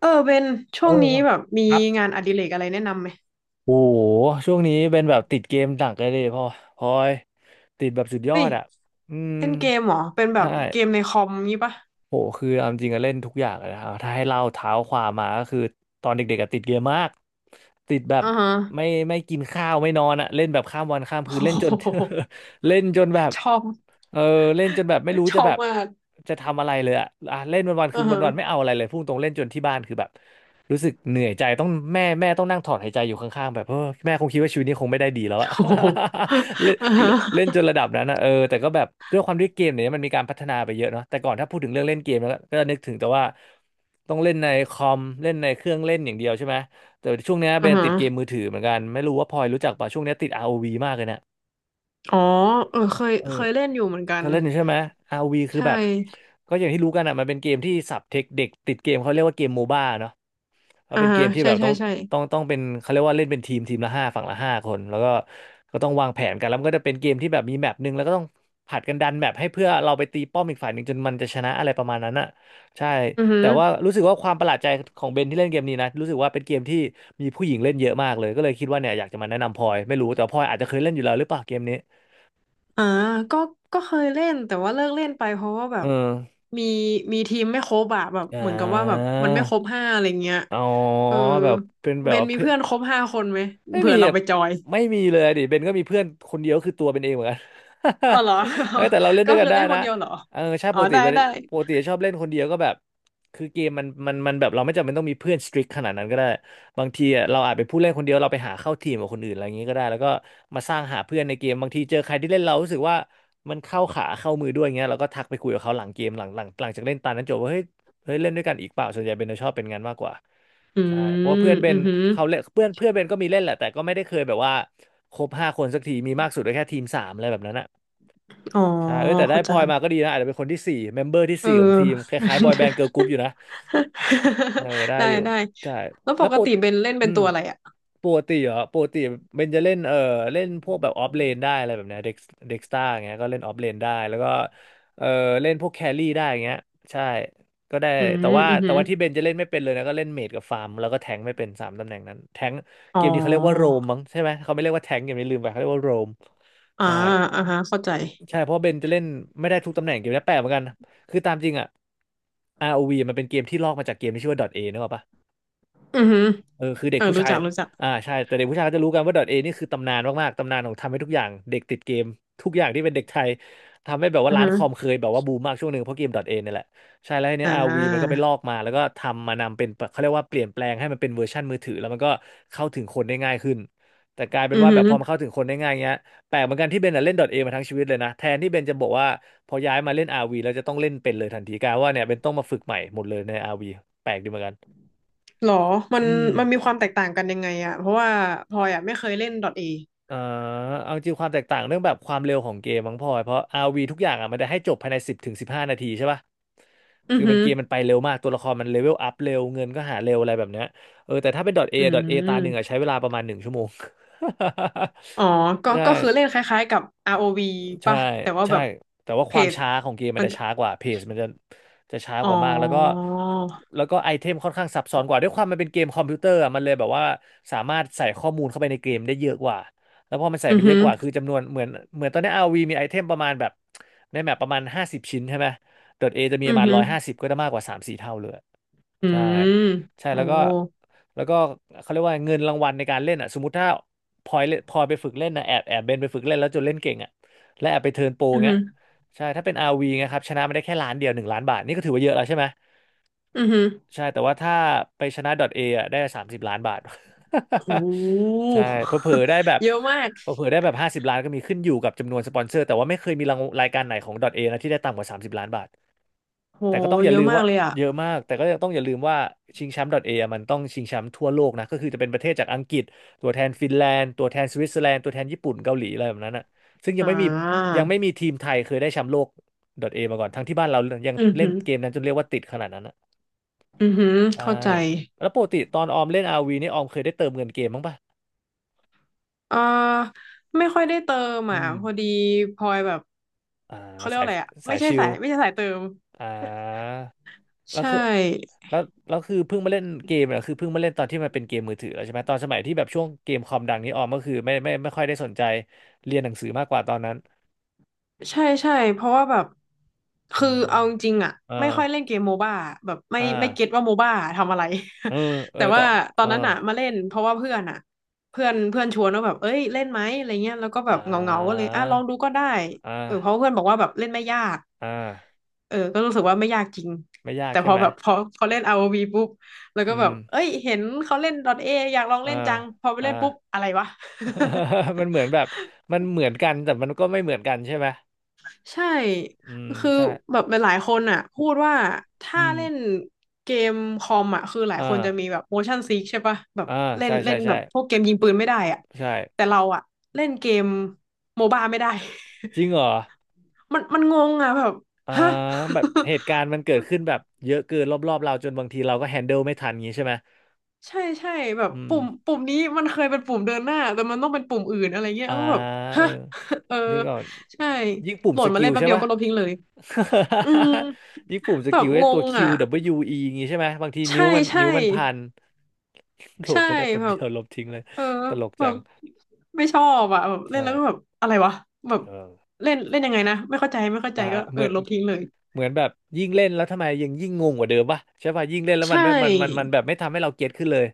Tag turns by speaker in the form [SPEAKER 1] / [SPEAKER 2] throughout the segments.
[SPEAKER 1] เออเป็นช่
[SPEAKER 2] เอ
[SPEAKER 1] วง
[SPEAKER 2] อ
[SPEAKER 1] นี้แบบมี
[SPEAKER 2] ครับ
[SPEAKER 1] งานอดิเรกอะไรแนะนำไหม
[SPEAKER 2] โอ้โหช่วงนี้เป็นแบบติดเกมหนักเลยดิพ่อพลอยติดแบบสุดยอ
[SPEAKER 1] เฮ้ย
[SPEAKER 2] ดอ่ะอืม
[SPEAKER 1] เล่นเกมเหรอเป็นแบ
[SPEAKER 2] ใช่
[SPEAKER 1] บเกมในคอมงี้ปะ
[SPEAKER 2] โหคือเอาจริงๆอเล่นทุกอย่างเลยนะครับถ้าให้เล่าเท้าความมาก็คือตอนเด็กๆอะติดเกมมากติดแบบ
[SPEAKER 1] อ่าฮะ
[SPEAKER 2] ไม่กินข้าวไม่นอนอ่ะเล่นแบบข้ามวันข้าม
[SPEAKER 1] โอ้
[SPEAKER 2] คืนเล่นจน
[SPEAKER 1] โห
[SPEAKER 2] เล่นจนแบบ
[SPEAKER 1] ชอบ
[SPEAKER 2] เออเล่นจนแบบไม่รู้
[SPEAKER 1] ช
[SPEAKER 2] จะ
[SPEAKER 1] อ
[SPEAKER 2] แบ
[SPEAKER 1] บ
[SPEAKER 2] บ
[SPEAKER 1] มาก
[SPEAKER 2] จะทำอะไรเลยอะอ่ะเล่นวันวันคื
[SPEAKER 1] อ่า
[SPEAKER 2] อวั
[SPEAKER 1] ฮะ
[SPEAKER 2] นวันไม่เอาอะไรเลยพุ่งตรงเล่นจนที่บ้านคือแบบ รู้สึกเหนื่อยใจต้องแม่ต้องนั่งถอดหายใจอยู่ข้างๆแบบเออแม่คงคิดว่าชีวิตนี้คงไม่ได้ดีแล้ว อะ
[SPEAKER 1] โอ้โห
[SPEAKER 2] เล่น
[SPEAKER 1] อ่าฮะ
[SPEAKER 2] เล่นเล่นจนระดับนั้นนะเออแต่ก็แบบด้วยความที่เกมเนี่ยมันมีการพัฒนาไปเยอะเนาะแต่ก่อนถ้าพูดถึงเรื่องเล่นเกมแล้วก็นึกถึงแต่ว่าต้องเล่นในคอมเล่นในเครื่องเล่นอย่างเดียวใช่ไหมแต่ช่วงเนี้ยเบ
[SPEAKER 1] อ่า
[SPEAKER 2] น
[SPEAKER 1] ฮะ
[SPEAKER 2] ติดเกมมือถือเหมือนกันไม่รู้ว่าพลอยรู้จักป่ะช่วงเนี้ยติด ROV มากเลยนะ
[SPEAKER 1] อ๋อเออเคย
[SPEAKER 2] เออ
[SPEAKER 1] เคยเล่นอยู่เหมือนกั
[SPEAKER 2] ก็
[SPEAKER 1] น
[SPEAKER 2] เล่นอยู่ใช่ไหม RV คือ
[SPEAKER 1] ใช่
[SPEAKER 2] แบบก็อย่างที่รู้กันอ่ะมันเป็นเกมที่สับเทคเด็กติดเกมเขาเรียกว่าเกมโมบ้าเนาะเพราะ
[SPEAKER 1] อ่า
[SPEAKER 2] เป็นเก
[SPEAKER 1] ฮะ
[SPEAKER 2] มที่
[SPEAKER 1] ใช่
[SPEAKER 2] แบบต้
[SPEAKER 1] ใช่
[SPEAKER 2] อง
[SPEAKER 1] ใช่
[SPEAKER 2] เป็นเขาเรียกว่าเล่นเป็นทีมทีมละห้าฝั่งละห้าคนแล้วก็ต้องวางแผนกันแล้วมันก็จะเป็นเกมที่แบบมีแมปหนึ่งแล้วก็ต้องผัดกันดันแมปให้เพื่อเราไปตีป้อมอีกฝ่ายหนึ่งจนมันจะชนะอะไรประมาณนั้นอ่ะใช่
[SPEAKER 1] อือฮึ
[SPEAKER 2] แต่ว่ารู้สึกว่าความประหลาดใจของเบนที่เล่นเกมนี้นะรู้สึกว่าเป็นเกมที่มีผู้หญิงเล่นเยอะมากเลยก็เลยคิดว่าเนี่ยอยากจะมาแนะนำพลอยไม่รู้แต่ว่าพลอยอาจจะเคยเล่นอยู่แล้วหรือเปล่าเกมนี้
[SPEAKER 1] อ่าก็ก็เคยเล่นแต่ว่าเลิกเล่นไปเพราะว่าแบ
[SPEAKER 2] เอ
[SPEAKER 1] บ
[SPEAKER 2] อ
[SPEAKER 1] มีมีทีมไม่ครบอะแบบ
[SPEAKER 2] อ่
[SPEAKER 1] เหมือนกับว่าแบบ
[SPEAKER 2] า
[SPEAKER 1] มันไม่ครบห้าอะไรเงี้ย
[SPEAKER 2] อ๋อ
[SPEAKER 1] เออ
[SPEAKER 2] แบบเป็นแบ
[SPEAKER 1] เบ
[SPEAKER 2] บ
[SPEAKER 1] น
[SPEAKER 2] ว่า
[SPEAKER 1] มี
[SPEAKER 2] เพื่อน
[SPEAKER 1] เพื่อนครบห้าคนไหม
[SPEAKER 2] ไม่
[SPEAKER 1] เผื่
[SPEAKER 2] มี
[SPEAKER 1] อเรา
[SPEAKER 2] แบบ
[SPEAKER 1] ไปจอย
[SPEAKER 2] ไม่มีเลยดิเบนก็มีเพื่อนคนเดียวก็คือตัวเป็นเองเหมือนกัน
[SPEAKER 1] อ๋อเหรอ
[SPEAKER 2] เฮ้ยแต่เราเล่น
[SPEAKER 1] ก็
[SPEAKER 2] ด้วยกั
[SPEAKER 1] คื
[SPEAKER 2] น
[SPEAKER 1] อ
[SPEAKER 2] ได้
[SPEAKER 1] เล่นค
[SPEAKER 2] นะ
[SPEAKER 1] นเดียวเหรอ
[SPEAKER 2] เออใช่
[SPEAKER 1] อ๋
[SPEAKER 2] ป
[SPEAKER 1] อ
[SPEAKER 2] กติ
[SPEAKER 1] ได้
[SPEAKER 2] เบน
[SPEAKER 1] ได้
[SPEAKER 2] ปกติชอบเล่นคนเดียวก็แบบคือเกมมันแบบเราไม่จำเป็นต้องมีเพื่อนสตริกขนาดนั้นก็ได้บางทีอะเราอาจเป็นผู้เล่นคนเดียวเราไปหาเข้าทีมกับคนอื่นอะไรอย่างนี้ก็ได้แล้วก็มาสร้างหาเพื่อนในเกมบางทีเจอใครที่เล่นเรารู้สึกว่ามันเข้าขาเข้ามือด้วยอย่างเงี้ยเราก็ทักไปคุยกับเขาหลังเกมหลังจากเล่นตานั้นจบว่าเฮ้ยเฮ้ยเล่นด้วยกันอีกเปล่าส่วนใหญ่เบนจะชอบเป็นงั้นมากกว่า
[SPEAKER 1] อื
[SPEAKER 2] ใช่เพราะว่าเพื่อ
[SPEAKER 1] ม
[SPEAKER 2] นเบ
[SPEAKER 1] อื
[SPEAKER 2] น
[SPEAKER 1] อหือ
[SPEAKER 2] เขาเล่นเพื่อนเพื่อนเบนก็มีเล่นแหละ แต่ก็ไม่ได้เคยแบบว่าครบห้าคนสักที มีมากสุดก็แค่ทีมสามอะไรแบบนั้นอะ
[SPEAKER 1] อ๋อ
[SPEAKER 2] ใช่เออแต่ได้
[SPEAKER 1] เข้า
[SPEAKER 2] พ
[SPEAKER 1] ใจ
[SPEAKER 2] ลอยมาก็ดีนะอาจจะเป็นคนที่สี่เมมเบอร์ที่
[SPEAKER 1] เอ
[SPEAKER 2] สี่ของทีมค
[SPEAKER 1] อ
[SPEAKER 2] ล้ายๆบอยแบนด์เกิร์ลกรุ๊ปอยู่นะ เออ ได้
[SPEAKER 1] ได้
[SPEAKER 2] อยู่
[SPEAKER 1] ได้
[SPEAKER 2] ใช่
[SPEAKER 1] แล้วป
[SPEAKER 2] แล้ว
[SPEAKER 1] กติเบนเล่น
[SPEAKER 2] อื
[SPEAKER 1] เป็น
[SPEAKER 2] ม
[SPEAKER 1] ตัวอะไรอะ
[SPEAKER 2] ปกติเหรอปกติเบนจะเล่นเออเล่นพวกแบบออฟเลนได้อะไรแบบเนี้ยเด็กเด็กสตาร์เงี้ยก็เล่นออฟเลนได้แล้วก็เออเล่นพวกแครี่ได้เงี้ยใช่ก็ได้
[SPEAKER 1] อืม
[SPEAKER 2] แต่ว่า
[SPEAKER 1] อือหื
[SPEAKER 2] แต่
[SPEAKER 1] อ
[SPEAKER 2] ว่าที่เบนจะเล่นไม่เป็นเลยนะก็เล่นเมจกับฟาร์มแล้วก็แทงค์ไม่เป็นสามตำแหน่งนั้นแทงค์
[SPEAKER 1] อ๋
[SPEAKER 2] เก
[SPEAKER 1] อ
[SPEAKER 2] มนี้เขาเรียกว่าโรมมั้งใช่ไหมเขาไม่เรียกว่าแทงค์เกมนี้ลืมไปเขาเรียกว่าโรม
[SPEAKER 1] อ่า
[SPEAKER 2] ใช่
[SPEAKER 1] อ่าฮะเข้าใจ
[SPEAKER 2] ใช่เพราะเบนจะเล่นไม่ได้ทุกตำแหน่งเกมนี้แปลกเหมือนกันคือตามจริงอะ ROV มันเป็นเกมที่ลอกมาจากเกมที่ชื่อว่า .A นึกออกปะ
[SPEAKER 1] อือหือ
[SPEAKER 2] เออคือเด็
[SPEAKER 1] เอ
[SPEAKER 2] ก
[SPEAKER 1] อ
[SPEAKER 2] ผู้
[SPEAKER 1] รู้
[SPEAKER 2] ชาย
[SPEAKER 1] จักรู้จัก
[SPEAKER 2] อ่าใช่แต่เด็กผู้ชายก็จะรู้กันว่า .A นี่คือตำนานมากๆตำนานของทำให้ทุกอย่างเด็กติดเกมทุกอย่างที่เป็นเด็กไทยทำให้แบบว่า
[SPEAKER 1] อือ
[SPEAKER 2] ร้าน
[SPEAKER 1] ฮะ
[SPEAKER 2] คอมเคยแบบว่าบูมมากช่วงหนึ่งเพราะเกม .A เนี่ยแหละใช่แล้วทีเนี้
[SPEAKER 1] อ่
[SPEAKER 2] ยอาร์วีมันก็ไป
[SPEAKER 1] า
[SPEAKER 2] ลอกมาแล้วก็ทำมานำเป็นเขาเรียกว่าเปลี่ยนแปลงให้มันเป็นเวอร์ชันมือถือแล้วมันก็เข้าถึงคนได้ง่ายขึ้นแต่กลายเป็น
[SPEAKER 1] อือ
[SPEAKER 2] ว่าแบ
[SPEAKER 1] ฮึ
[SPEAKER 2] บพอมันเข้าถึงคนได้ง่ายเงี้ยแปลกเหมือนกันที่เบนน่ะเล่น .A มาทั้งชีวิตเลยนะแทนที่เบนจะบอกว่าพอย้ายมาเล่น RV แล้วจะต้องเล่นเป็นเลยทันทีกลายว่าเนี่ยเบนต้องมาฝึกใหม่หมดเลยในอาร์วีแปลกดีเหมือนกัน
[SPEAKER 1] หรอมัน
[SPEAKER 2] อืม
[SPEAKER 1] มันมีความแตกต่างกันยังไงอะเพราะว่าพลอยอะไม่เคยเล่น .A
[SPEAKER 2] เอ่อเอาจริงความแตกต่างเรื่องแบบความเร็วของเกมมั้งพลอยเพราะ RV ทุกอย่างอ่ะมันได้ให้จบภายใน10 ถึง 15 นาทีใช่ป่ะ
[SPEAKER 1] อือ
[SPEAKER 2] คือ
[SPEAKER 1] ฮึ
[SPEAKER 2] มันเกมมันไปเร็วมากตัวละครมันเลเวลอัพเร็วเงินก็หาเร็วอะไรแบบเนี้ยเออแต่ถ้าเป็น .A
[SPEAKER 1] อื
[SPEAKER 2] .A ตาหนึ่ง
[SPEAKER 1] ม
[SPEAKER 2] อ่ะใช้เวลาประมาณหนึ่งชั่วโมง
[SPEAKER 1] อ๋อก็
[SPEAKER 2] ใช่
[SPEAKER 1] ก็คือเล่นคล้ายๆกับ ROV
[SPEAKER 2] ใช่
[SPEAKER 1] ป่ะแต่ว่า
[SPEAKER 2] ใช่
[SPEAKER 1] แบบ
[SPEAKER 2] แต่ว่า
[SPEAKER 1] เพ
[SPEAKER 2] ความ
[SPEAKER 1] จ
[SPEAKER 2] ช้าของเกมมั
[SPEAKER 1] มั
[SPEAKER 2] น
[SPEAKER 1] น
[SPEAKER 2] จะ
[SPEAKER 1] จะ
[SPEAKER 2] ช้ากว่าเพจมันจะจะช้า
[SPEAKER 1] อ๋อ
[SPEAKER 2] กว่ามากแล้วก็แล้วก็ไอเทมค่อนข้างซับซ้อนกว่าด้วยความมันเป็นเกมคอมพิวเตอร์อะมันเลยแบบว่าสามารถใส่ข้อมูลเข้าไปในเกมได้เยอะกว่าแล้วพอมันใส่
[SPEAKER 1] อื
[SPEAKER 2] ไป
[SPEAKER 1] อ
[SPEAKER 2] เย
[SPEAKER 1] ฮึ
[SPEAKER 2] อะกว่าคือจำนวนเหมือนตอนนี้ RV มีไอเทมประมาณแบบในแมปประมาณ50 ชิ้นใช่ไหม .A จะมี
[SPEAKER 1] อื
[SPEAKER 2] ประ
[SPEAKER 1] อ
[SPEAKER 2] มาณ
[SPEAKER 1] ฮึ
[SPEAKER 2] 150ก็จะมากกว่าสามสี่เท่าเลย
[SPEAKER 1] อื
[SPEAKER 2] ใช่
[SPEAKER 1] ม
[SPEAKER 2] ใช่
[SPEAKER 1] โอ้
[SPEAKER 2] แล้วก็แล้วก็เขาเรียกว่าเงินรางวัลในการเล่นอ่ะสมมติถ้าพลอยเล่นพลอยไปฝึกเล่นนะแอบเบนไปฝึกเล่นแล้วจนเล่นเก่งอ่ะ และแอบไปเทิร์นโปร
[SPEAKER 1] อือ
[SPEAKER 2] เงี้
[SPEAKER 1] ฮึ
[SPEAKER 2] ยใช่ถ้าเป็น RV เงี้ยครับชนะมาได้แค่ล้านเดียว1 ล้านบาทนี่ก็ถือว่าเยอะแล้วใช่ไหม
[SPEAKER 1] อือฮึ
[SPEAKER 2] ใช่แต่ว่าถ้าไปชนะ .A อ่ะได้30 ล้านบาท
[SPEAKER 1] โห
[SPEAKER 2] ใช่เผลอ ๆได้แบบ
[SPEAKER 1] เยอะมาก
[SPEAKER 2] เผลอๆได้แบบ50 ล้านก็มีขึ้นอยู่กับจำนวนสปอนเซอร์แต่ว่าไม่เคยมีรางรายการไหนของ .A นะที่ได้ต่ำกว่าสามสิบล้านบาท
[SPEAKER 1] โห
[SPEAKER 2] แต่ก็ต้องอ
[SPEAKER 1] เย
[SPEAKER 2] ย่าลื
[SPEAKER 1] อะ
[SPEAKER 2] ม
[SPEAKER 1] มา
[SPEAKER 2] ว่า
[SPEAKER 1] กเลยอะ
[SPEAKER 2] เยอะมากแต่ก็ต้องอย่าลืมว่าชิงแชมป์ .a อะมันต้องชิงแชมป์ทั่วโลกนะก็คือจะเป็นประเทศจากอังกฤษตัวแทนฟินแลนด์ตัวแทนสวิตเซอร์แลนด์ตัวแทนญี่ปุ่นเกาหลีอะไรแบบนั้นอ่ะซึ่งยัง
[SPEAKER 1] อ่
[SPEAKER 2] ไม่มี
[SPEAKER 1] า
[SPEAKER 2] ยังไม่มีทีมไทยเคยได้แชมป์โลก .a มาก่อนทั้งที่บ้านเรายัง
[SPEAKER 1] อือ
[SPEAKER 2] เล่
[SPEAKER 1] ฮึ
[SPEAKER 2] นเกมนั้นจนเรียกว่าติดขนาดนั้นอ่ะ
[SPEAKER 1] อือฮึเข้า
[SPEAKER 2] ใช่
[SPEAKER 1] ใจ
[SPEAKER 2] แล้วปกติตอนออมเล่นอาร์วีนี่ออมเคยได้เติมเงินเกมบ้างปะ
[SPEAKER 1] เอ่อไม่ค่อยได้เติม
[SPEAKER 2] อื
[SPEAKER 1] อ่ะ
[SPEAKER 2] ม
[SPEAKER 1] พอดีพลอยแบบ
[SPEAKER 2] อ่า
[SPEAKER 1] เขาเรียก
[SPEAKER 2] สา
[SPEAKER 1] ว่า
[SPEAKER 2] ย
[SPEAKER 1] อะไรอ่ะ
[SPEAKER 2] สา
[SPEAKER 1] ไม่
[SPEAKER 2] ย
[SPEAKER 1] ใช่
[SPEAKER 2] ชิ
[SPEAKER 1] สา
[SPEAKER 2] ล
[SPEAKER 1] ยไม่ใช่สายเติม
[SPEAKER 2] อ่า แล้ว
[SPEAKER 1] ใช่
[SPEAKER 2] คือแล้วแล้วคือเพิ่งมาเล่นเกมอะคือเพิ่งมาเล่นตอนที่มันเป็นเกมมือถือแล้วใช่ไหมตอนสมัยที่แบบช่วงเกมคอมดังนี้ออมก็คือไม่ค่อยได้สนใจเรียนหนังสือมากกว่าตอนนั้น
[SPEAKER 1] ใช่ใช่เพราะว่าแบบ
[SPEAKER 2] อื
[SPEAKER 1] คือเอา
[SPEAKER 2] ม
[SPEAKER 1] จริงๆอ่ะ
[SPEAKER 2] เออ
[SPEAKER 1] ไม่ค่อยเล่นเกมโมบ้าแบบไม่
[SPEAKER 2] อ่า
[SPEAKER 1] ไม่เก็ตว่าโมบ้าทำอะไร
[SPEAKER 2] เออ เออ
[SPEAKER 1] แต่
[SPEAKER 2] แต่
[SPEAKER 1] ว่าตอ
[SPEAKER 2] เอ
[SPEAKER 1] น
[SPEAKER 2] อ
[SPEAKER 1] นั้นอ่ะมาเล่นเพราะว่าเพื่อนอ่ะเพื่อนเพื่อนชวนว่าแบบเอ้ยเล่นไหมอะไรเงี้ยแล้วก็แบ
[SPEAKER 2] อ่
[SPEAKER 1] บเงาก็เล
[SPEAKER 2] า
[SPEAKER 1] ยอ่ะลองดูก็ได้
[SPEAKER 2] อ่
[SPEAKER 1] เออเพราะ
[SPEAKER 2] า
[SPEAKER 1] เพื่อนบอกว่าแบบเล่นไม่ยาก
[SPEAKER 2] อ่า
[SPEAKER 1] เออก็รู้สึกว่าไม่ยากจริง
[SPEAKER 2] ไม่ยาก
[SPEAKER 1] แต่พ
[SPEAKER 2] ใช่
[SPEAKER 1] อ
[SPEAKER 2] ไหม
[SPEAKER 1] แบบพอเล่น r o ีปุ๊บแล้วก็
[SPEAKER 2] อื
[SPEAKER 1] แบบ
[SPEAKER 2] ม
[SPEAKER 1] เอ้ยเห็นเขาเล่น .A อยากลอง
[SPEAKER 2] อ่า
[SPEAKER 1] เล่นจังพอไป
[SPEAKER 2] อ่า
[SPEAKER 1] เล่นปุ๊บอะไรวะ
[SPEAKER 2] มันเหมือนแบ บมันเหมือนกันแต่มันก็ไม่เหมือนกันใช่ไหม
[SPEAKER 1] ใช่
[SPEAKER 2] อืม
[SPEAKER 1] คือ
[SPEAKER 2] ใช่
[SPEAKER 1] แบบหลายๆคนอ่ะพูดว่าถ้า
[SPEAKER 2] อืม
[SPEAKER 1] เล่นเกมคอมอ่ะคือหลาย
[SPEAKER 2] อ่
[SPEAKER 1] คนจะมี
[SPEAKER 2] า
[SPEAKER 1] แบบ motion sick ใช่ปะแบบ
[SPEAKER 2] อ่า
[SPEAKER 1] เล่น
[SPEAKER 2] ใช่
[SPEAKER 1] เล่
[SPEAKER 2] ใช่
[SPEAKER 1] นแบ
[SPEAKER 2] ใช่
[SPEAKER 1] บพวกเกมยิงปืนไม่ได้อ่ะ
[SPEAKER 2] ใช่
[SPEAKER 1] แต่เราอ่ะเล่นเกมโมบ้าไม่ได้
[SPEAKER 2] จริงเหรอ
[SPEAKER 1] มันงงอ่ะแบบ
[SPEAKER 2] อ่า
[SPEAKER 1] ฮะ
[SPEAKER 2] แบบเหตุการณ์มันเกิดขึ้นแบบเยอะเกินรอบๆเราจนบางทีเราก็แฮนเดิลไม่ทันอย่างงี้ใช่ไหม
[SPEAKER 1] ใช่ใช่แบบ
[SPEAKER 2] อืม
[SPEAKER 1] ปุ่มนี้มันเคยเป็นปุ่มเดินหน้าแต่มันต้องเป็นปุ่มอื่นอะไรเงี้ย
[SPEAKER 2] อ่า
[SPEAKER 1] ก็แบบ
[SPEAKER 2] เอ
[SPEAKER 1] ฮะ
[SPEAKER 2] อ
[SPEAKER 1] เออ
[SPEAKER 2] นึกออก
[SPEAKER 1] ใช่
[SPEAKER 2] ยิ่งปุ่ม
[SPEAKER 1] โหล
[SPEAKER 2] ส
[SPEAKER 1] ดมา
[SPEAKER 2] กิ
[SPEAKER 1] เล่
[SPEAKER 2] ล
[SPEAKER 1] นแป๊บ
[SPEAKER 2] ใช่
[SPEAKER 1] เดียว
[SPEAKER 2] ปะ
[SPEAKER 1] ก็ลบทิ้งเลยอืม
[SPEAKER 2] ยิ่งปุ่มส
[SPEAKER 1] แบ
[SPEAKER 2] กิ
[SPEAKER 1] บ
[SPEAKER 2] ลไอ้
[SPEAKER 1] ง
[SPEAKER 2] ตัว
[SPEAKER 1] ง
[SPEAKER 2] Q
[SPEAKER 1] อ่ะ
[SPEAKER 2] W E ออย่างงี้ใช่ไหมบางทีนิ้
[SPEAKER 1] ใช่
[SPEAKER 2] วมัน
[SPEAKER 1] ใช่
[SPEAKER 2] นิ้วมันพัน โหล
[SPEAKER 1] ใช่
[SPEAKER 2] ดไม่ได้แป๊บ
[SPEAKER 1] แบ
[SPEAKER 2] เดี
[SPEAKER 1] บ
[SPEAKER 2] ยวลบทิ้งเลย
[SPEAKER 1] เออ
[SPEAKER 2] ตลก
[SPEAKER 1] แบ
[SPEAKER 2] จั
[SPEAKER 1] บ
[SPEAKER 2] ง
[SPEAKER 1] ไม่ชอบอ่ะแบบเล่น
[SPEAKER 2] ใช่
[SPEAKER 1] แล้วก็แบบอะไรวะแบบ
[SPEAKER 2] เออ
[SPEAKER 1] เล่นเล่นยังไงนะไม่เข้าใจ
[SPEAKER 2] อ่า
[SPEAKER 1] ก็เอ
[SPEAKER 2] เห
[SPEAKER 1] อ
[SPEAKER 2] มือน
[SPEAKER 1] ลบทิ้งเลย
[SPEAKER 2] เหมือนแบบยิ่งเล่นแล้วทำไมยังยิ่งงงกว่าเดิมปะใช่ปะยิ่งเล่นแล้ว
[SPEAKER 1] ใช
[SPEAKER 2] มันไม่มัน
[SPEAKER 1] ่
[SPEAKER 2] แบบไม่ทำให้เราเก็ตขึ้นเลย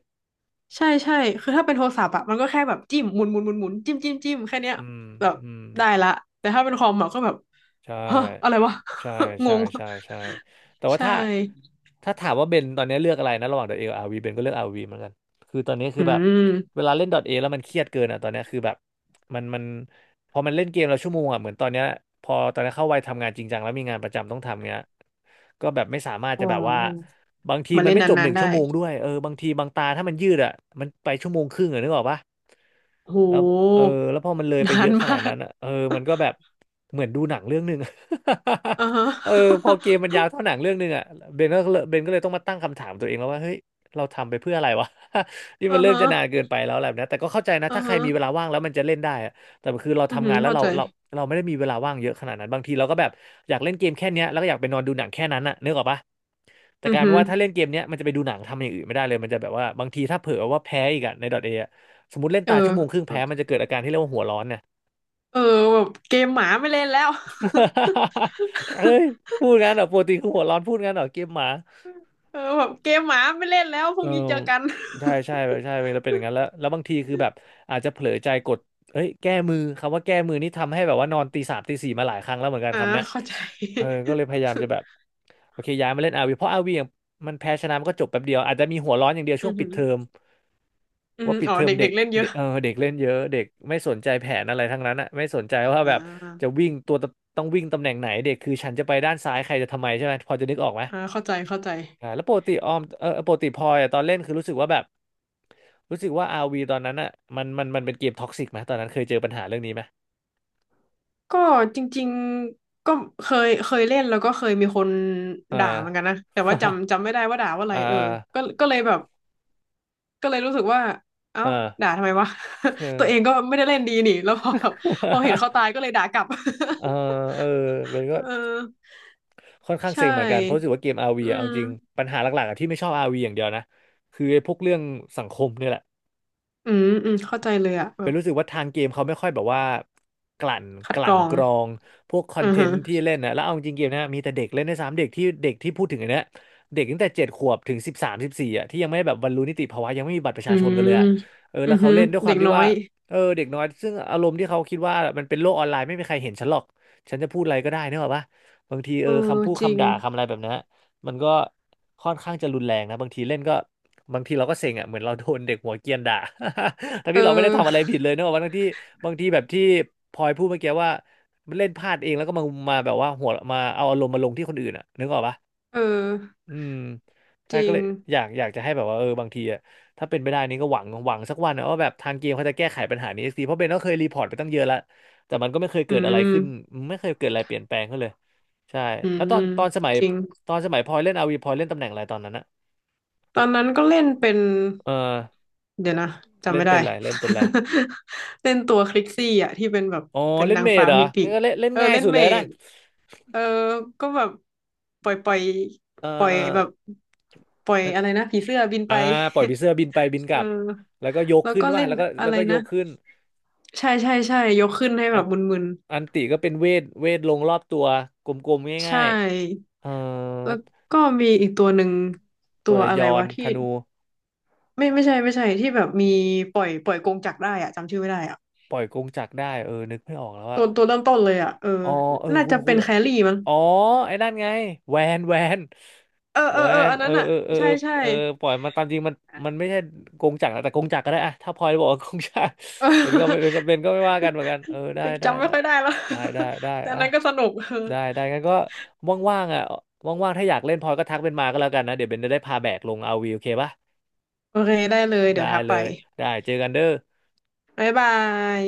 [SPEAKER 1] ใช่ใช่คือถ้าเป็นโทรศัพท์อะมันก็แค่แบบจิ้มหมุนหมุนหมุนหมุนจิ้มจิ้มจิ้มแค่เนี้ย
[SPEAKER 2] อืม
[SPEAKER 1] แบบ
[SPEAKER 2] อืม
[SPEAKER 1] ได้ละแต่ถ้าเป็นคอมอะก็แบบ
[SPEAKER 2] ใช่
[SPEAKER 1] ฮะอะไรวะ
[SPEAKER 2] ใช่
[SPEAKER 1] ง
[SPEAKER 2] ใช่
[SPEAKER 1] ง
[SPEAKER 2] ใช่ใช่แต่ว่า
[SPEAKER 1] ใช่
[SPEAKER 2] ถ้าถ้าถามว่าเบนตอนนี้เลือกอะไรนะระหว่าง .A กับอาร์วีเบนก็เลือก r ีเหมือนกันคือตอนนี้คือ
[SPEAKER 1] อื
[SPEAKER 2] แบบ
[SPEAKER 1] ม
[SPEAKER 2] เวลาเล่น .A แล้วมันเครียดเกินอ่ะตอนนี้คือแบบมันพอมันเล่นเกมแล้วชั่วโมงอ่ะเหมือนตอนเนี้ยพอตอนนี้เข้าวัยทำงานจริงจังแล้วมีงานประจำต้องทำเงี้ยก็แบบไม่สามารถ
[SPEAKER 1] อ๋
[SPEAKER 2] จะแบบว่า
[SPEAKER 1] อ
[SPEAKER 2] บางที
[SPEAKER 1] มัน
[SPEAKER 2] มัน
[SPEAKER 1] เล่น
[SPEAKER 2] ไม่จบห
[SPEAKER 1] นา
[SPEAKER 2] นึ่
[SPEAKER 1] น
[SPEAKER 2] ง
[SPEAKER 1] ๆได้
[SPEAKER 2] ชั่วโมงด้วยเออบางทีบางตาถ้ามันยืดอ่ะมันไปชั่วโมงครึ่งอ่ะนึกออกปะ
[SPEAKER 1] โ
[SPEAKER 2] แล้วเออ
[SPEAKER 1] ห
[SPEAKER 2] แล้วพอมันเลยไป
[SPEAKER 1] นา
[SPEAKER 2] เย
[SPEAKER 1] น
[SPEAKER 2] อะขนา
[SPEAKER 1] มา
[SPEAKER 2] ดนั้
[SPEAKER 1] ก
[SPEAKER 2] นอ่ะเออมันก็แบบ เหมือนดูหนังเรื่องหนึ่ง
[SPEAKER 1] อ่าฮะ
[SPEAKER 2] เออพอเกมมันยาวเท่าหนังเรื่องหนึ่งอ่ะเบนก็เลยต้องมาตั้งคำถามตัวเองแล้วว่าเฮ้ยเราทำไปเพื่ออะไรวะ นี่
[SPEAKER 1] อ่า
[SPEAKER 2] มันเริ่ม
[SPEAKER 1] ฮะ
[SPEAKER 2] จะนานเกินไปแล้วอะไรแบบนี้แต่ก็เข้าใจนะ
[SPEAKER 1] อ่า
[SPEAKER 2] ถ้าใคร
[SPEAKER 1] ฮะ
[SPEAKER 2] มีเวลาว่างแล้วมันจะเล่นได้อะแต่คือเรา
[SPEAKER 1] อือ
[SPEAKER 2] ทำ
[SPEAKER 1] หื
[SPEAKER 2] งา
[SPEAKER 1] อ
[SPEAKER 2] นแล้ว
[SPEAKER 1] เข้า
[SPEAKER 2] เรา
[SPEAKER 1] ใจ
[SPEAKER 2] เราเราไม่ได้มีเวลาว่างเยอะขนาดนั้นบางทีเราก็แบบอยากเล่นเกมแค่เนี้ยแล้วก็อยากไปนอนดูหนังแค่นั้นน่ะนึกออกปะแต่
[SPEAKER 1] อื
[SPEAKER 2] ก
[SPEAKER 1] อ
[SPEAKER 2] ลารเป็
[SPEAKER 1] หื
[SPEAKER 2] น
[SPEAKER 1] อ
[SPEAKER 2] ว่าถ้าเล่นเกมเนี้ยมันจะไปดูหนังทำอย่างอื่นไม่ได้เลยมันจะแบบว่าบางทีถ้าเผลอว่าแพ้อีกอะในดอทเอะสมมติเล่น
[SPEAKER 1] เอ
[SPEAKER 2] ตาชั่
[SPEAKER 1] อ
[SPEAKER 2] วโมงครึ่งแพ้มันจะเกิดอาการที่เรียกว่าหัวร้อนเนี่ย
[SPEAKER 1] เออแบบเกมหมาไม่เล่นแล้ว
[SPEAKER 2] เอ้ยพูดงั้นเหรอปกติคือหัวร้อนพูดงั้นเหรอเกมหมา
[SPEAKER 1] เออแบบเกมหมาไม่เล่นแล้วพ
[SPEAKER 2] เอ
[SPEAKER 1] รุ่
[SPEAKER 2] อ
[SPEAKER 1] งนี้เจอกัน
[SPEAKER 2] ใช่ใช่ใช่เราเป็นอย่างนั้นแล้วบางทีคือแบบอาจจะเผลอใจกดเอ้ยแก้มือคำว่าแก้มือนี่ทำให้แบบว่านอนตีสามตีสี่มาหลายครั้งแล้วเหมือนกัน
[SPEAKER 1] อ่า
[SPEAKER 2] คำเนี้ย
[SPEAKER 1] เข้าใจ
[SPEAKER 2] เออ ก็เลยพยายามจะแบบโอเคย้ายมาเล่นอาร์วีเพราะอาร์วียงมันแพ้ชนะมันก็จบแป๊บเดียวอาจจะมีหัวร้อนอย่างเดียว
[SPEAKER 1] อื
[SPEAKER 2] ช่วง
[SPEAKER 1] อ
[SPEAKER 2] ปิ
[SPEAKER 1] หื
[SPEAKER 2] ด
[SPEAKER 1] อ
[SPEAKER 2] เทอม
[SPEAKER 1] อือ
[SPEAKER 2] ว่า
[SPEAKER 1] หือ
[SPEAKER 2] ปิด
[SPEAKER 1] อ๋อ
[SPEAKER 2] เทอมเด็
[SPEAKER 1] เด็
[SPEAKER 2] ก
[SPEAKER 1] กๆเล่นเย
[SPEAKER 2] เด็
[SPEAKER 1] อะ
[SPEAKER 2] กเออเด็กเล่นเยอะเด็กไม่สนใจแผนอะไรทั้งนั้นอ่ะไม่สนใจว่า
[SPEAKER 1] อ่
[SPEAKER 2] แบบจะ
[SPEAKER 1] า
[SPEAKER 2] วิ่งตัวตต้องวิ่งตำแหน่งไหนเด็กคือฉันจะไปด้านซ้ายใครจะทำไมใช่ไหมพอจะนึกออกไหม
[SPEAKER 1] อ่าเข้าใจเข้าใจ
[SPEAKER 2] แล้วปกติออมเออปกติพลอยอะตอนเล่นคือรู้สึกว่าแบบรู้สึกว่าอาร์วีตอนนั้นอ่ะมันเป็นเกมท็อกซิกไหมตอนนั้นเคยเจอปัญหาเรื่องนี้ไหม
[SPEAKER 1] ก็จริงๆก็เคยเล่นแล้วก็เคยมีคนด่าเหมือ
[SPEAKER 2] อา
[SPEAKER 1] นกันนะแต่ว่า จำไม่ได้ว่าด่าว่าอะไร
[SPEAKER 2] อ่า
[SPEAKER 1] เออก็ก็เลยแบบ ก็เลยรู้สึกว่าเอ้า
[SPEAKER 2] อ่า
[SPEAKER 1] ด่าทำไมวะ ตัวเองก็ไม่ได้เล่นดีนี่แล้วพอแบบพอเห็นเขาตายก็เลยด่ากลับ
[SPEAKER 2] เออเออเป็นก็
[SPEAKER 1] เออ
[SPEAKER 2] ค่อนข้าง
[SPEAKER 1] ใช
[SPEAKER 2] เซ็งเหมือนกันเพราะรู้
[SPEAKER 1] ่
[SPEAKER 2] สึกว่าเกม RV
[SPEAKER 1] อื
[SPEAKER 2] อะเอา
[SPEAKER 1] ม
[SPEAKER 2] จริงปัญหาหลักๆอะที่ไม่ชอบอาร์วีอย่างเดียวนะคือไอ้พวกเรื่องสังคมเนี่ยแหละ
[SPEAKER 1] อืมอืมเข้าใจเลยอะแบ
[SPEAKER 2] เป็น
[SPEAKER 1] บ
[SPEAKER 2] รู้สึกว่าทางเกมเขาไม่ค่อยแบบว่ากลั่น
[SPEAKER 1] คั
[SPEAKER 2] ก
[SPEAKER 1] ดก
[SPEAKER 2] ลั่
[SPEAKER 1] ร
[SPEAKER 2] น
[SPEAKER 1] อง
[SPEAKER 2] กรองพวกคอ
[SPEAKER 1] อื
[SPEAKER 2] น
[SPEAKER 1] อ
[SPEAKER 2] เท
[SPEAKER 1] ฮึ
[SPEAKER 2] นต์ที่เล่นนะแล้วเอาจริงๆเกมนะมีแต่เด็กเล่นในสามเด็กที่เด็กที่พูดถึงอันเนี้ยเด็กตั้งแต่เจ็ดขวบถึงสิบสามสิบสี่อ่ะที่ยังไม่แบบบรรลุนิติภาวะยังไม่มีบัตรประชา
[SPEAKER 1] อื
[SPEAKER 2] ชนกัน
[SPEAKER 1] ม
[SPEAKER 2] เลยอะเออ
[SPEAKER 1] อื
[SPEAKER 2] แล้
[SPEAKER 1] อ
[SPEAKER 2] วเขา
[SPEAKER 1] ฮึ
[SPEAKER 2] เล่นด้วยค
[SPEAKER 1] เด็
[SPEAKER 2] วาม
[SPEAKER 1] ก
[SPEAKER 2] ที่
[SPEAKER 1] น้อ
[SPEAKER 2] ว่า
[SPEAKER 1] ย
[SPEAKER 2] เออเด็กน้อยซึ่งอารมณ์ที่เขาคิดว่ามันเป็นโลกออนไลน์ไม่มีใครเห็นฉันหรอกฉันจะพูดอะไรก็ได้นึกอะปะบางที
[SPEAKER 1] เออ
[SPEAKER 2] คำพูด
[SPEAKER 1] จริ
[SPEAKER 2] คำ
[SPEAKER 1] ง
[SPEAKER 2] ด่าคำอะไรแบบนี้น มันก็ค่อนข้างจะรุนแรงนะบางทีเล่นก็บางทีเราก็เซ็งอ่ะเหมือนเราโดนเด็กหัวเกรียนด่า ทั้ง
[SPEAKER 1] เอ
[SPEAKER 2] ที่เราไม่ได้
[SPEAKER 1] อ
[SPEAKER 2] ทำอะไรผิดเลยเนอะบางที่บางทีแบบที่พลอยพูดเมื่อกี้ว่าเล่นพลาดเองแล้วก็มาแบบว่าหัวมาเอาอารมณ์มาลงที่คนอื่นอ่ะนึกออกปะ
[SPEAKER 1] เออ
[SPEAKER 2] อืม
[SPEAKER 1] จ
[SPEAKER 2] ใช่
[SPEAKER 1] ริ
[SPEAKER 2] ก็
[SPEAKER 1] ง
[SPEAKER 2] เลยอยากจะให้แบบว่าบางทีอะถ้าเป็นไปได้นี่ก็หวังสักวันนะว่าแบบทางเกมเขาจะแก้ไขปัญหานี้สักทีเพราะเบนก็เคยรีพอร์ตไปตั้งเยอะแล้วแต่มันก็ไม่เคย
[SPEAKER 1] อื
[SPEAKER 2] เกิดอะไรขึ้น
[SPEAKER 1] ม
[SPEAKER 2] ไม่เคยเกิดอะไรเปลี่ยนแปลงขึ้นเลยใช่
[SPEAKER 1] อื
[SPEAKER 2] แล้ว
[SPEAKER 1] มจริง
[SPEAKER 2] ตอนสมัยพลอยเล่นอาวีพลอยเล่นตำแหน่งอะไรตอนนั้นอะ
[SPEAKER 1] ตอนนั้นก็เล่นเป็น
[SPEAKER 2] เออ
[SPEAKER 1] เดี๋ยวนะจำ
[SPEAKER 2] เล่น
[SPEAKER 1] ไม่ได้
[SPEAKER 2] เป็นอะไรเล่นเป็นอะไร
[SPEAKER 1] เล่นตัวคลิกซี่อ่ะที่เป็นแบบ
[SPEAKER 2] อ๋อ
[SPEAKER 1] เป็น
[SPEAKER 2] เล่น
[SPEAKER 1] นาง
[SPEAKER 2] เมด
[SPEAKER 1] ฟ้า
[SPEAKER 2] เหรอ
[SPEAKER 1] มีปี
[SPEAKER 2] งั้น
[SPEAKER 1] ก
[SPEAKER 2] ก็เล่นเล่น
[SPEAKER 1] เออ
[SPEAKER 2] ง่าย
[SPEAKER 1] เล่น
[SPEAKER 2] สุดเล
[SPEAKER 1] เม
[SPEAKER 2] ยนะ
[SPEAKER 1] ดเออก็แบบปล่อย
[SPEAKER 2] เออ
[SPEAKER 1] ปล่อยแบบปล่อย
[SPEAKER 2] มัน
[SPEAKER 1] อะไรนะผีเสื้อบิน
[SPEAKER 2] อ่า
[SPEAKER 1] ไป
[SPEAKER 2] ปล่อยปีเสื้อบินไปบิน ก
[SPEAKER 1] เอ
[SPEAKER 2] ลั
[SPEAKER 1] อ
[SPEAKER 2] บแล้วก็ยก
[SPEAKER 1] แล้ว
[SPEAKER 2] ขึ้น
[SPEAKER 1] ก็
[SPEAKER 2] ว่า
[SPEAKER 1] เล่น
[SPEAKER 2] แล้วก็
[SPEAKER 1] อะ
[SPEAKER 2] แล้ว
[SPEAKER 1] ไร
[SPEAKER 2] ก็ย
[SPEAKER 1] นะ
[SPEAKER 2] กขึ้น
[SPEAKER 1] ใช่ใช่ใช่ยกขึ้นให้แบบมึน
[SPEAKER 2] อันติก็เป็นเวทลงรอบตัวกลม
[SPEAKER 1] ๆ
[SPEAKER 2] ๆ
[SPEAKER 1] ใช
[SPEAKER 2] ง่าย
[SPEAKER 1] ่
[SPEAKER 2] ๆเอ่อ
[SPEAKER 1] แล้วก็มีอีกตัวหนึ่ง
[SPEAKER 2] ตั
[SPEAKER 1] ตั
[SPEAKER 2] ว
[SPEAKER 1] ว
[SPEAKER 2] ละ
[SPEAKER 1] อะ
[SPEAKER 2] ย
[SPEAKER 1] ไร
[SPEAKER 2] อน
[SPEAKER 1] วะ
[SPEAKER 2] ธ
[SPEAKER 1] ที่
[SPEAKER 2] นู
[SPEAKER 1] ไม่ใช่ไม่ใช่ที่แบบมีปล่อยกงจักรได้อะจำชื่อไม่ได้อะ
[SPEAKER 2] ปล่อยกงจักรได้เออนึกไม่ออกแล้ว
[SPEAKER 1] ตั
[SPEAKER 2] อะ
[SPEAKER 1] วตัวเริ่มต้นเลยอะเออ
[SPEAKER 2] อ๋อเออ
[SPEAKER 1] น่า
[SPEAKER 2] คุณ
[SPEAKER 1] จะ
[SPEAKER 2] คุ
[SPEAKER 1] เป็
[SPEAKER 2] ณ
[SPEAKER 1] นแค
[SPEAKER 2] อะ
[SPEAKER 1] รี่มั้ง
[SPEAKER 2] อ๋อไอ้นั่นไงแวนแวน
[SPEAKER 1] เออเอ
[SPEAKER 2] แว
[SPEAKER 1] อเออ
[SPEAKER 2] น
[SPEAKER 1] อัน
[SPEAKER 2] เอ
[SPEAKER 1] นั้
[SPEAKER 2] อ
[SPEAKER 1] นอ่ะ
[SPEAKER 2] เออเออ
[SPEAKER 1] ใช่ใช่
[SPEAKER 2] เออเออปล่อยมันตามจริงมันมันไม่ใช่กงจักรนะแต่กงจักรก็ได้อะถ้าพลอยบอกว่ากงจักร
[SPEAKER 1] เอ
[SPEAKER 2] เป็นก็ไม่เป็น
[SPEAKER 1] อ
[SPEAKER 2] ก็เป็นก็ไม่ว่ากันเหมือนกันเออได้ได้
[SPEAKER 1] จำไม่
[SPEAKER 2] ได้
[SPEAKER 1] ค่อยได้แล้ว
[SPEAKER 2] ได้ได้ได้
[SPEAKER 1] แต่อัน
[SPEAKER 2] อะ
[SPEAKER 1] นั้นก็สนุก เออ
[SPEAKER 2] ได้งั้นก็ว่างๆอ่ะว่างๆถ้าอยากเล่นพลอยก็ทักเป็นมาก็แล้วกันนะเดี๋ยวเบนจะได้พาแบกลงอาร์วีโอเคปะ
[SPEAKER 1] โอเคได้เลยเดี๋
[SPEAKER 2] ได้
[SPEAKER 1] ยวทัก
[SPEAKER 2] เล
[SPEAKER 1] ไป
[SPEAKER 2] ยได้เจอกันเด้อ
[SPEAKER 1] บ๊ายบาย